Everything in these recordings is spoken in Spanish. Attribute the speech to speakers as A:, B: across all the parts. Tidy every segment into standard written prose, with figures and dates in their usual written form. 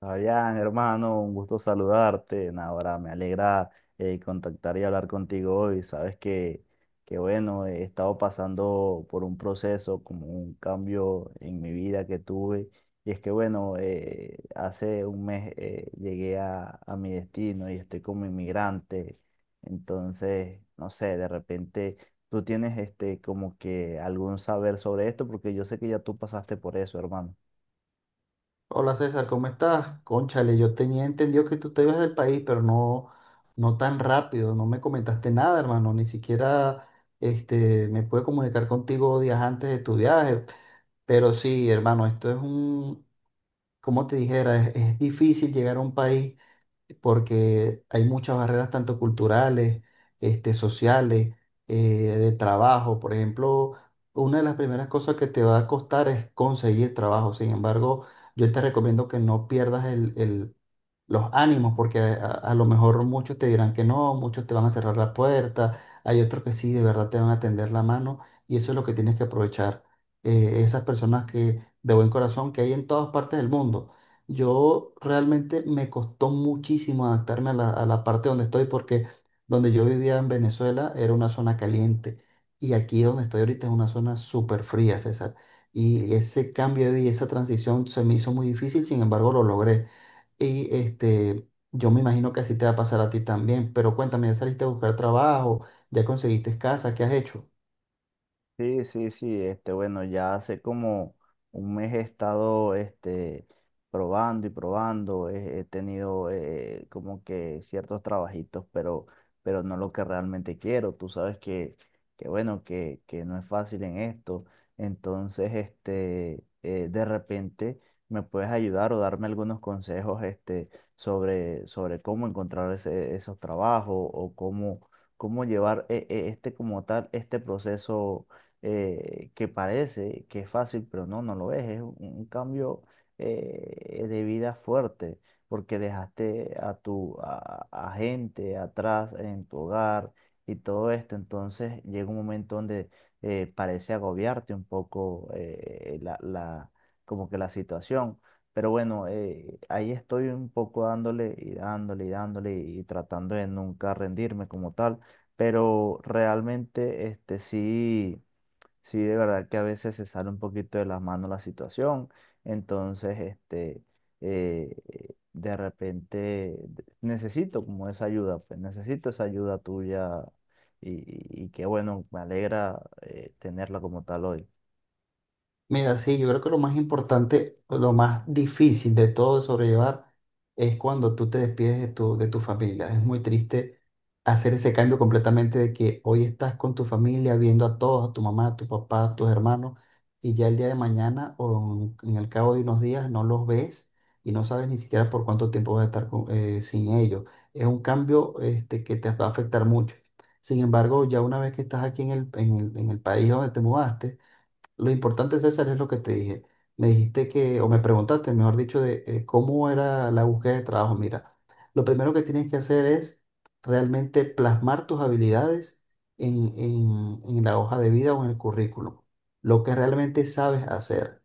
A: Fabián, hermano, un gusto saludarte. Ahora me alegra contactar y hablar contigo hoy. Sabes que, bueno, he estado pasando por un proceso, como un cambio en mi vida que tuve. Y es que, bueno, hace un mes llegué a mi destino y estoy como inmigrante. Entonces, no sé, de repente tú tienes este, como que algún saber sobre esto, porque yo sé que ya tú pasaste por eso, hermano.
B: Hola César, ¿cómo estás? Cónchale, yo tenía entendido que tú te ibas del país, pero no, no tan rápido, no me comentaste nada, hermano, ni siquiera me pude comunicar contigo días antes de tu viaje, pero sí, hermano, esto es un, como te dijera, es difícil llegar a un país porque hay muchas barreras tanto culturales, este, sociales, eh, de trabajo. Por ejemplo, una de las primeras cosas que te va a costar es conseguir trabajo. Sin embargo, yo te recomiendo que no pierdas los ánimos, porque a lo mejor muchos te dirán que no, muchos te van a cerrar la puerta, hay otros que sí, de verdad te van a tender la mano y eso es lo que tienes que aprovechar. Esas personas que de buen corazón que hay en todas partes del mundo. Yo realmente me costó muchísimo adaptarme a la parte donde estoy porque donde yo vivía en Venezuela era una zona caliente y aquí donde estoy ahorita es una zona súper fría, César. Y ese cambio de vida, esa transición se me hizo muy difícil, sin embargo lo logré. Y este, yo me imagino que así te va a pasar a ti también, pero cuéntame, ¿ya saliste a buscar trabajo? ¿Ya conseguiste casa? ¿Qué has hecho?
A: Sí, sí, sí, este, bueno, ya hace como un mes he estado, este, probando y probando, he tenido como que ciertos trabajitos, pero no lo que realmente quiero. Tú sabes que bueno, que no es fácil en esto. Entonces, este, de repente me puedes ayudar o darme algunos consejos, este, sobre cómo encontrar esos trabajos o cómo llevar este como tal, este proceso que parece que es fácil, pero no, no lo es. Es un cambio de vida fuerte, porque dejaste a a gente atrás en tu hogar y todo esto. Entonces llega un momento donde parece agobiarte un poco como que la situación. Pero bueno, ahí estoy un poco dándole y dándole y dándole y tratando de nunca rendirme como tal. Pero realmente, este sí. Sí, de verdad que a veces se sale un poquito de las manos la situación. Entonces, este, eh, de repente necesito como esa ayuda, pues necesito esa ayuda tuya y que bueno, me alegra tenerla como tal hoy.
B: Mira, sí, yo creo que lo más importante, lo más difícil de todo de sobrellevar es cuando tú te despides de tu familia. Es muy triste hacer ese cambio completamente de que hoy estás con tu familia, viendo a todos, a tu mamá, a tu papá, a tus hermanos, y ya el día de mañana o en el cabo de unos días no los ves y no sabes ni siquiera por cuánto tiempo vas a estar sin ellos. Es un cambio este, que te va a afectar mucho. Sin embargo, ya una vez que estás aquí en en el país donde te mudaste, lo importante, César, es lo que te dije. Me dijiste que, o me preguntaste, mejor dicho, de cómo era la búsqueda de trabajo. Mira, lo primero que tienes que hacer es realmente plasmar tus habilidades en, en la hoja de vida o en el currículum, lo que realmente sabes hacer.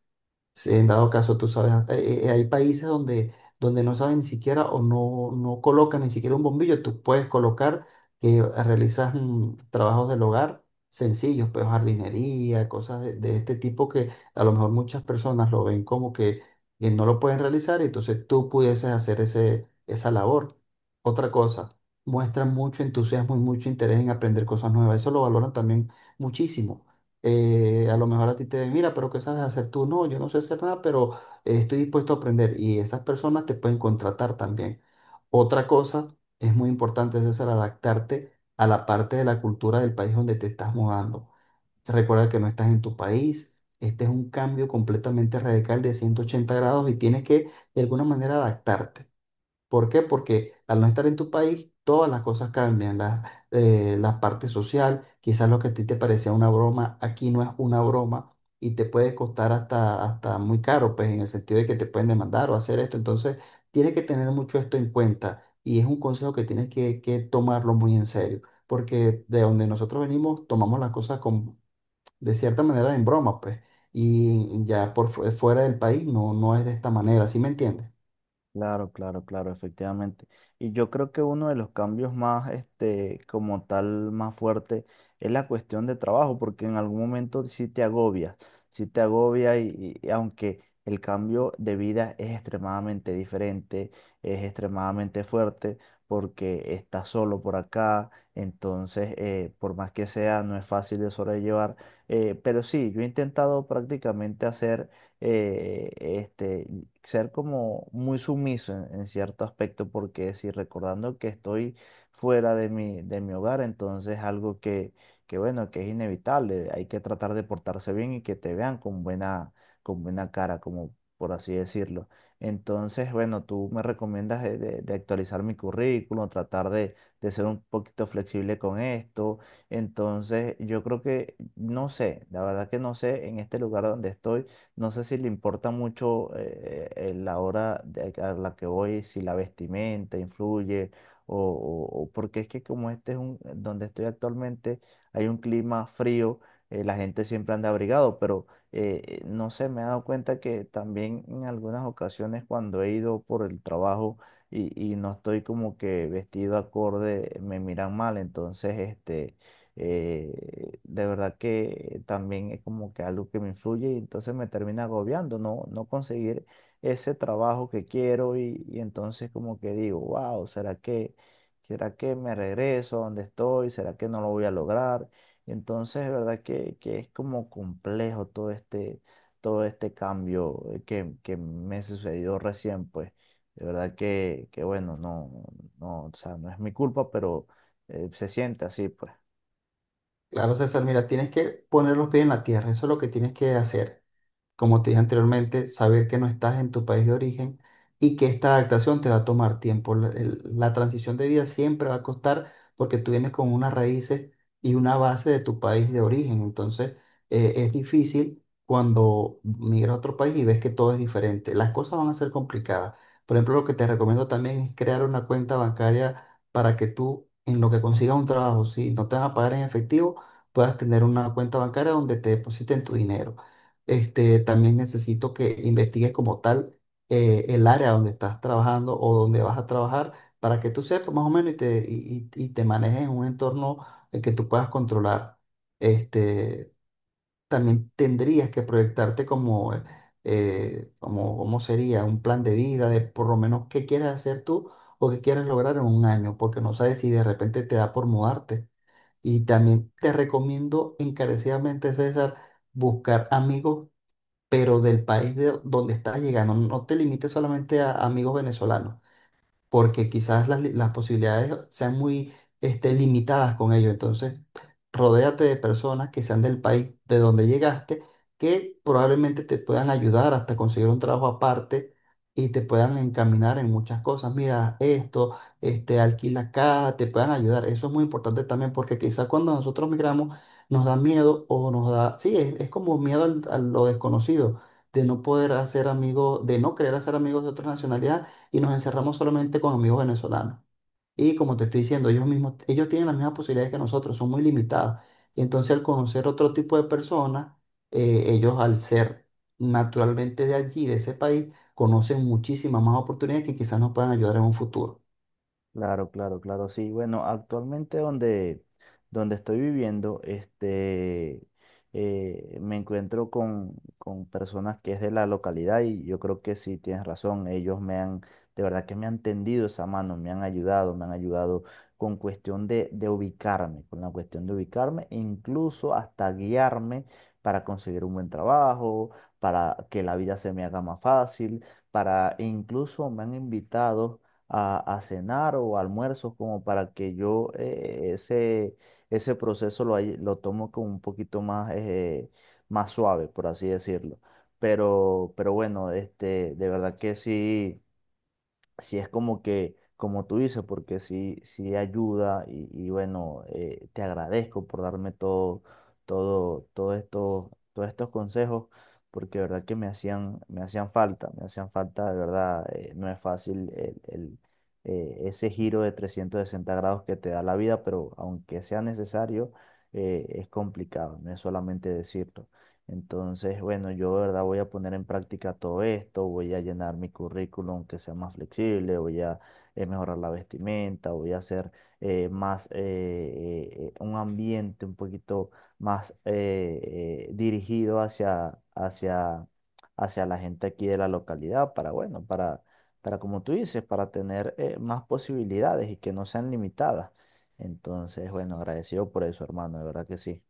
B: Sí, en dado caso, tú sabes, hay países donde, donde no saben ni siquiera o no, no colocan ni siquiera un bombillo. Tú puedes colocar que realizas trabajos del hogar sencillos, pues jardinería, cosas de este tipo que a lo mejor muchas personas lo ven como que no lo pueden realizar y entonces tú pudieses hacer esa labor. Otra cosa, muestran mucho entusiasmo y mucho interés en aprender cosas nuevas. Eso lo valoran también muchísimo. A lo mejor a ti te ven, mira, pero ¿qué sabes hacer tú? No, yo no sé hacer nada, pero estoy dispuesto a aprender y esas personas te pueden contratar también. Otra cosa es muy importante, César, adaptarte a la parte de la cultura del país donde te estás mudando. Recuerda que no estás en tu país. Este es un cambio completamente radical de 180 grados y tienes que de alguna manera adaptarte. ¿Por qué? Porque al no estar en tu país, todas las cosas cambian. La, la parte social, quizás lo que a ti te parecía una broma, aquí no es una broma y te puede costar hasta muy caro, pues en el sentido de que te pueden demandar o hacer esto. Entonces, tienes que tener mucho esto en cuenta y es un consejo que tienes que tomarlo muy en serio, porque de donde nosotros venimos, tomamos las cosas con, de cierta manera en broma, pues, y ya por fuera del país no, no es de esta manera, ¿sí me entiendes?
A: Claro, claro, claro, efectivamente. Y yo creo que uno de los cambios más, este, como tal, más fuerte es la cuestión de trabajo, porque en algún momento sí te agobias, sí te agobia y aunque el cambio de vida es extremadamente diferente, es extremadamente fuerte, porque estás solo por acá. Entonces, por más que sea, no es fácil de sobrellevar. Pero sí, yo he intentado prácticamente hacer este, ser como muy sumiso en cierto aspecto, porque si recordando que estoy fuera de de mi hogar. Entonces algo que bueno, que es inevitable, hay que tratar de portarse bien y que te vean con con buena cara, como por así decirlo. Entonces, bueno, tú me recomiendas de actualizar mi currículum, tratar de ser un poquito flexible con esto. Entonces, yo creo que, no sé, la verdad que no sé en este lugar donde estoy no sé si le importa mucho la a la que voy, si la vestimenta influye, porque es que como este es un, donde estoy actualmente, hay un clima frío. La gente siempre anda abrigado, pero no sé, me he dado cuenta que también en algunas ocasiones cuando he ido por el trabajo y no estoy como que vestido acorde, me miran mal. Entonces este de verdad que también es como que algo que me influye y entonces me termina agobiando, no, no conseguir ese trabajo que quiero y entonces como que digo, wow, ¿será será que me regreso a donde estoy? ¿Será que no lo voy a lograr? Entonces, de verdad que es como complejo todo este cambio que me sucedió recién, pues. De verdad que bueno, no, no, o sea, no es mi culpa, pero se siente así, pues.
B: Claro, César, mira, tienes que poner los pies en la tierra, eso es lo que tienes que hacer como te dije anteriormente, saber que no estás en tu país de origen y que esta adaptación te va a tomar tiempo. La, la transición de vida siempre va a costar porque tú vienes con unas raíces y una base de tu país de origen. Entonces, es difícil cuando migras a otro país y ves que todo es diferente. Las cosas van a ser complicadas. Por ejemplo, lo que te recomiendo también es crear una cuenta bancaria para que tú, en lo que consigas un trabajo, si no te van a pagar en efectivo, puedas tener una cuenta bancaria donde te depositen tu dinero. También necesito que investigues como tal el área donde estás trabajando o donde vas a trabajar para que tú sepas más o menos y y te manejes en un entorno que tú puedas controlar. Este, también tendrías que proyectarte cómo sería un plan de vida de por lo menos qué quieres hacer tú o qué quieres lograr en 1 año, porque no sabes si de repente te da por mudarte. Y también te recomiendo encarecidamente, César, buscar amigos pero del país de donde estás llegando. No te limites solamente a amigos venezolanos porque quizás las posibilidades sean muy limitadas con ello. Entonces, rodéate de personas que sean del país de donde llegaste, que probablemente te puedan ayudar hasta conseguir un trabajo aparte y te puedan encaminar en muchas cosas. Mira, esto, este, alquila acá, te puedan ayudar. Eso es muy importante también porque quizás cuando nosotros migramos nos da miedo o nos da, sí, es como miedo a lo desconocido, de no poder hacer amigos, de no querer hacer amigos de otras nacionalidades y nos encerramos solamente con amigos venezolanos. Y como te estoy diciendo, ellos mismos, ellos tienen las mismas posibilidades que nosotros, son muy limitadas. Y entonces al conocer otro tipo de personas, ellos al ser naturalmente de allí, de ese país, conocen muchísimas más oportunidades que quizás nos puedan ayudar en un futuro.
A: Claro, claro, claro, sí. Bueno, actualmente donde estoy viviendo, este, me encuentro con personas que es de la localidad y yo creo que sí tienes razón. Ellos me han, de verdad que me han tendido esa mano, me han ayudado con cuestión de ubicarme, con la cuestión de ubicarme, e incluso hasta guiarme para conseguir un buen trabajo, para que la vida se me haga más fácil, para e incluso me han invitado a cenar o almuerzos como para que yo ese proceso lo tomo como un poquito más, más suave, por así decirlo. Pero bueno, este, de verdad que sí si es como que, como tú dices, porque sí, sí ayuda y bueno, te agradezco por darme todo, todo, todo esto, todos estos consejos, porque de verdad que me hacían falta, de verdad. No es fácil el ese giro de 360 grados que te da la vida, pero aunque sea necesario, es complicado, no es solamente decirlo. Entonces, bueno, yo de verdad voy a poner en práctica todo esto, voy a llenar mi currículum que sea más flexible. Voy a mejorar la vestimenta, voy a hacer más un ambiente un poquito más dirigido hacia la gente aquí de la localidad para, bueno, para como tú dices, para tener más posibilidades y que no sean limitadas. Entonces, bueno, agradecido por eso, hermano, de verdad que sí.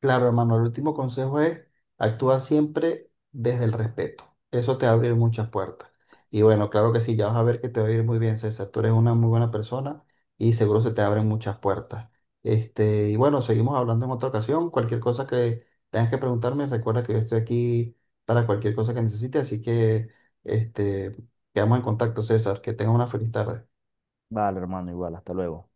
B: Claro, hermano, el último consejo es: actúa siempre desde el respeto. Eso te abre muchas puertas. Y bueno, claro que sí, ya vas a ver que te va a ir muy bien, César. Tú eres una muy buena persona y seguro se te abren muchas puertas. Y bueno, seguimos hablando en otra ocasión. Cualquier cosa que tengas que preguntarme, recuerda que yo estoy aquí para cualquier cosa que necesites. Así que, este, quedamos en contacto, César. Que tengas una feliz tarde.
A: Vale, hermano, igual, hasta luego.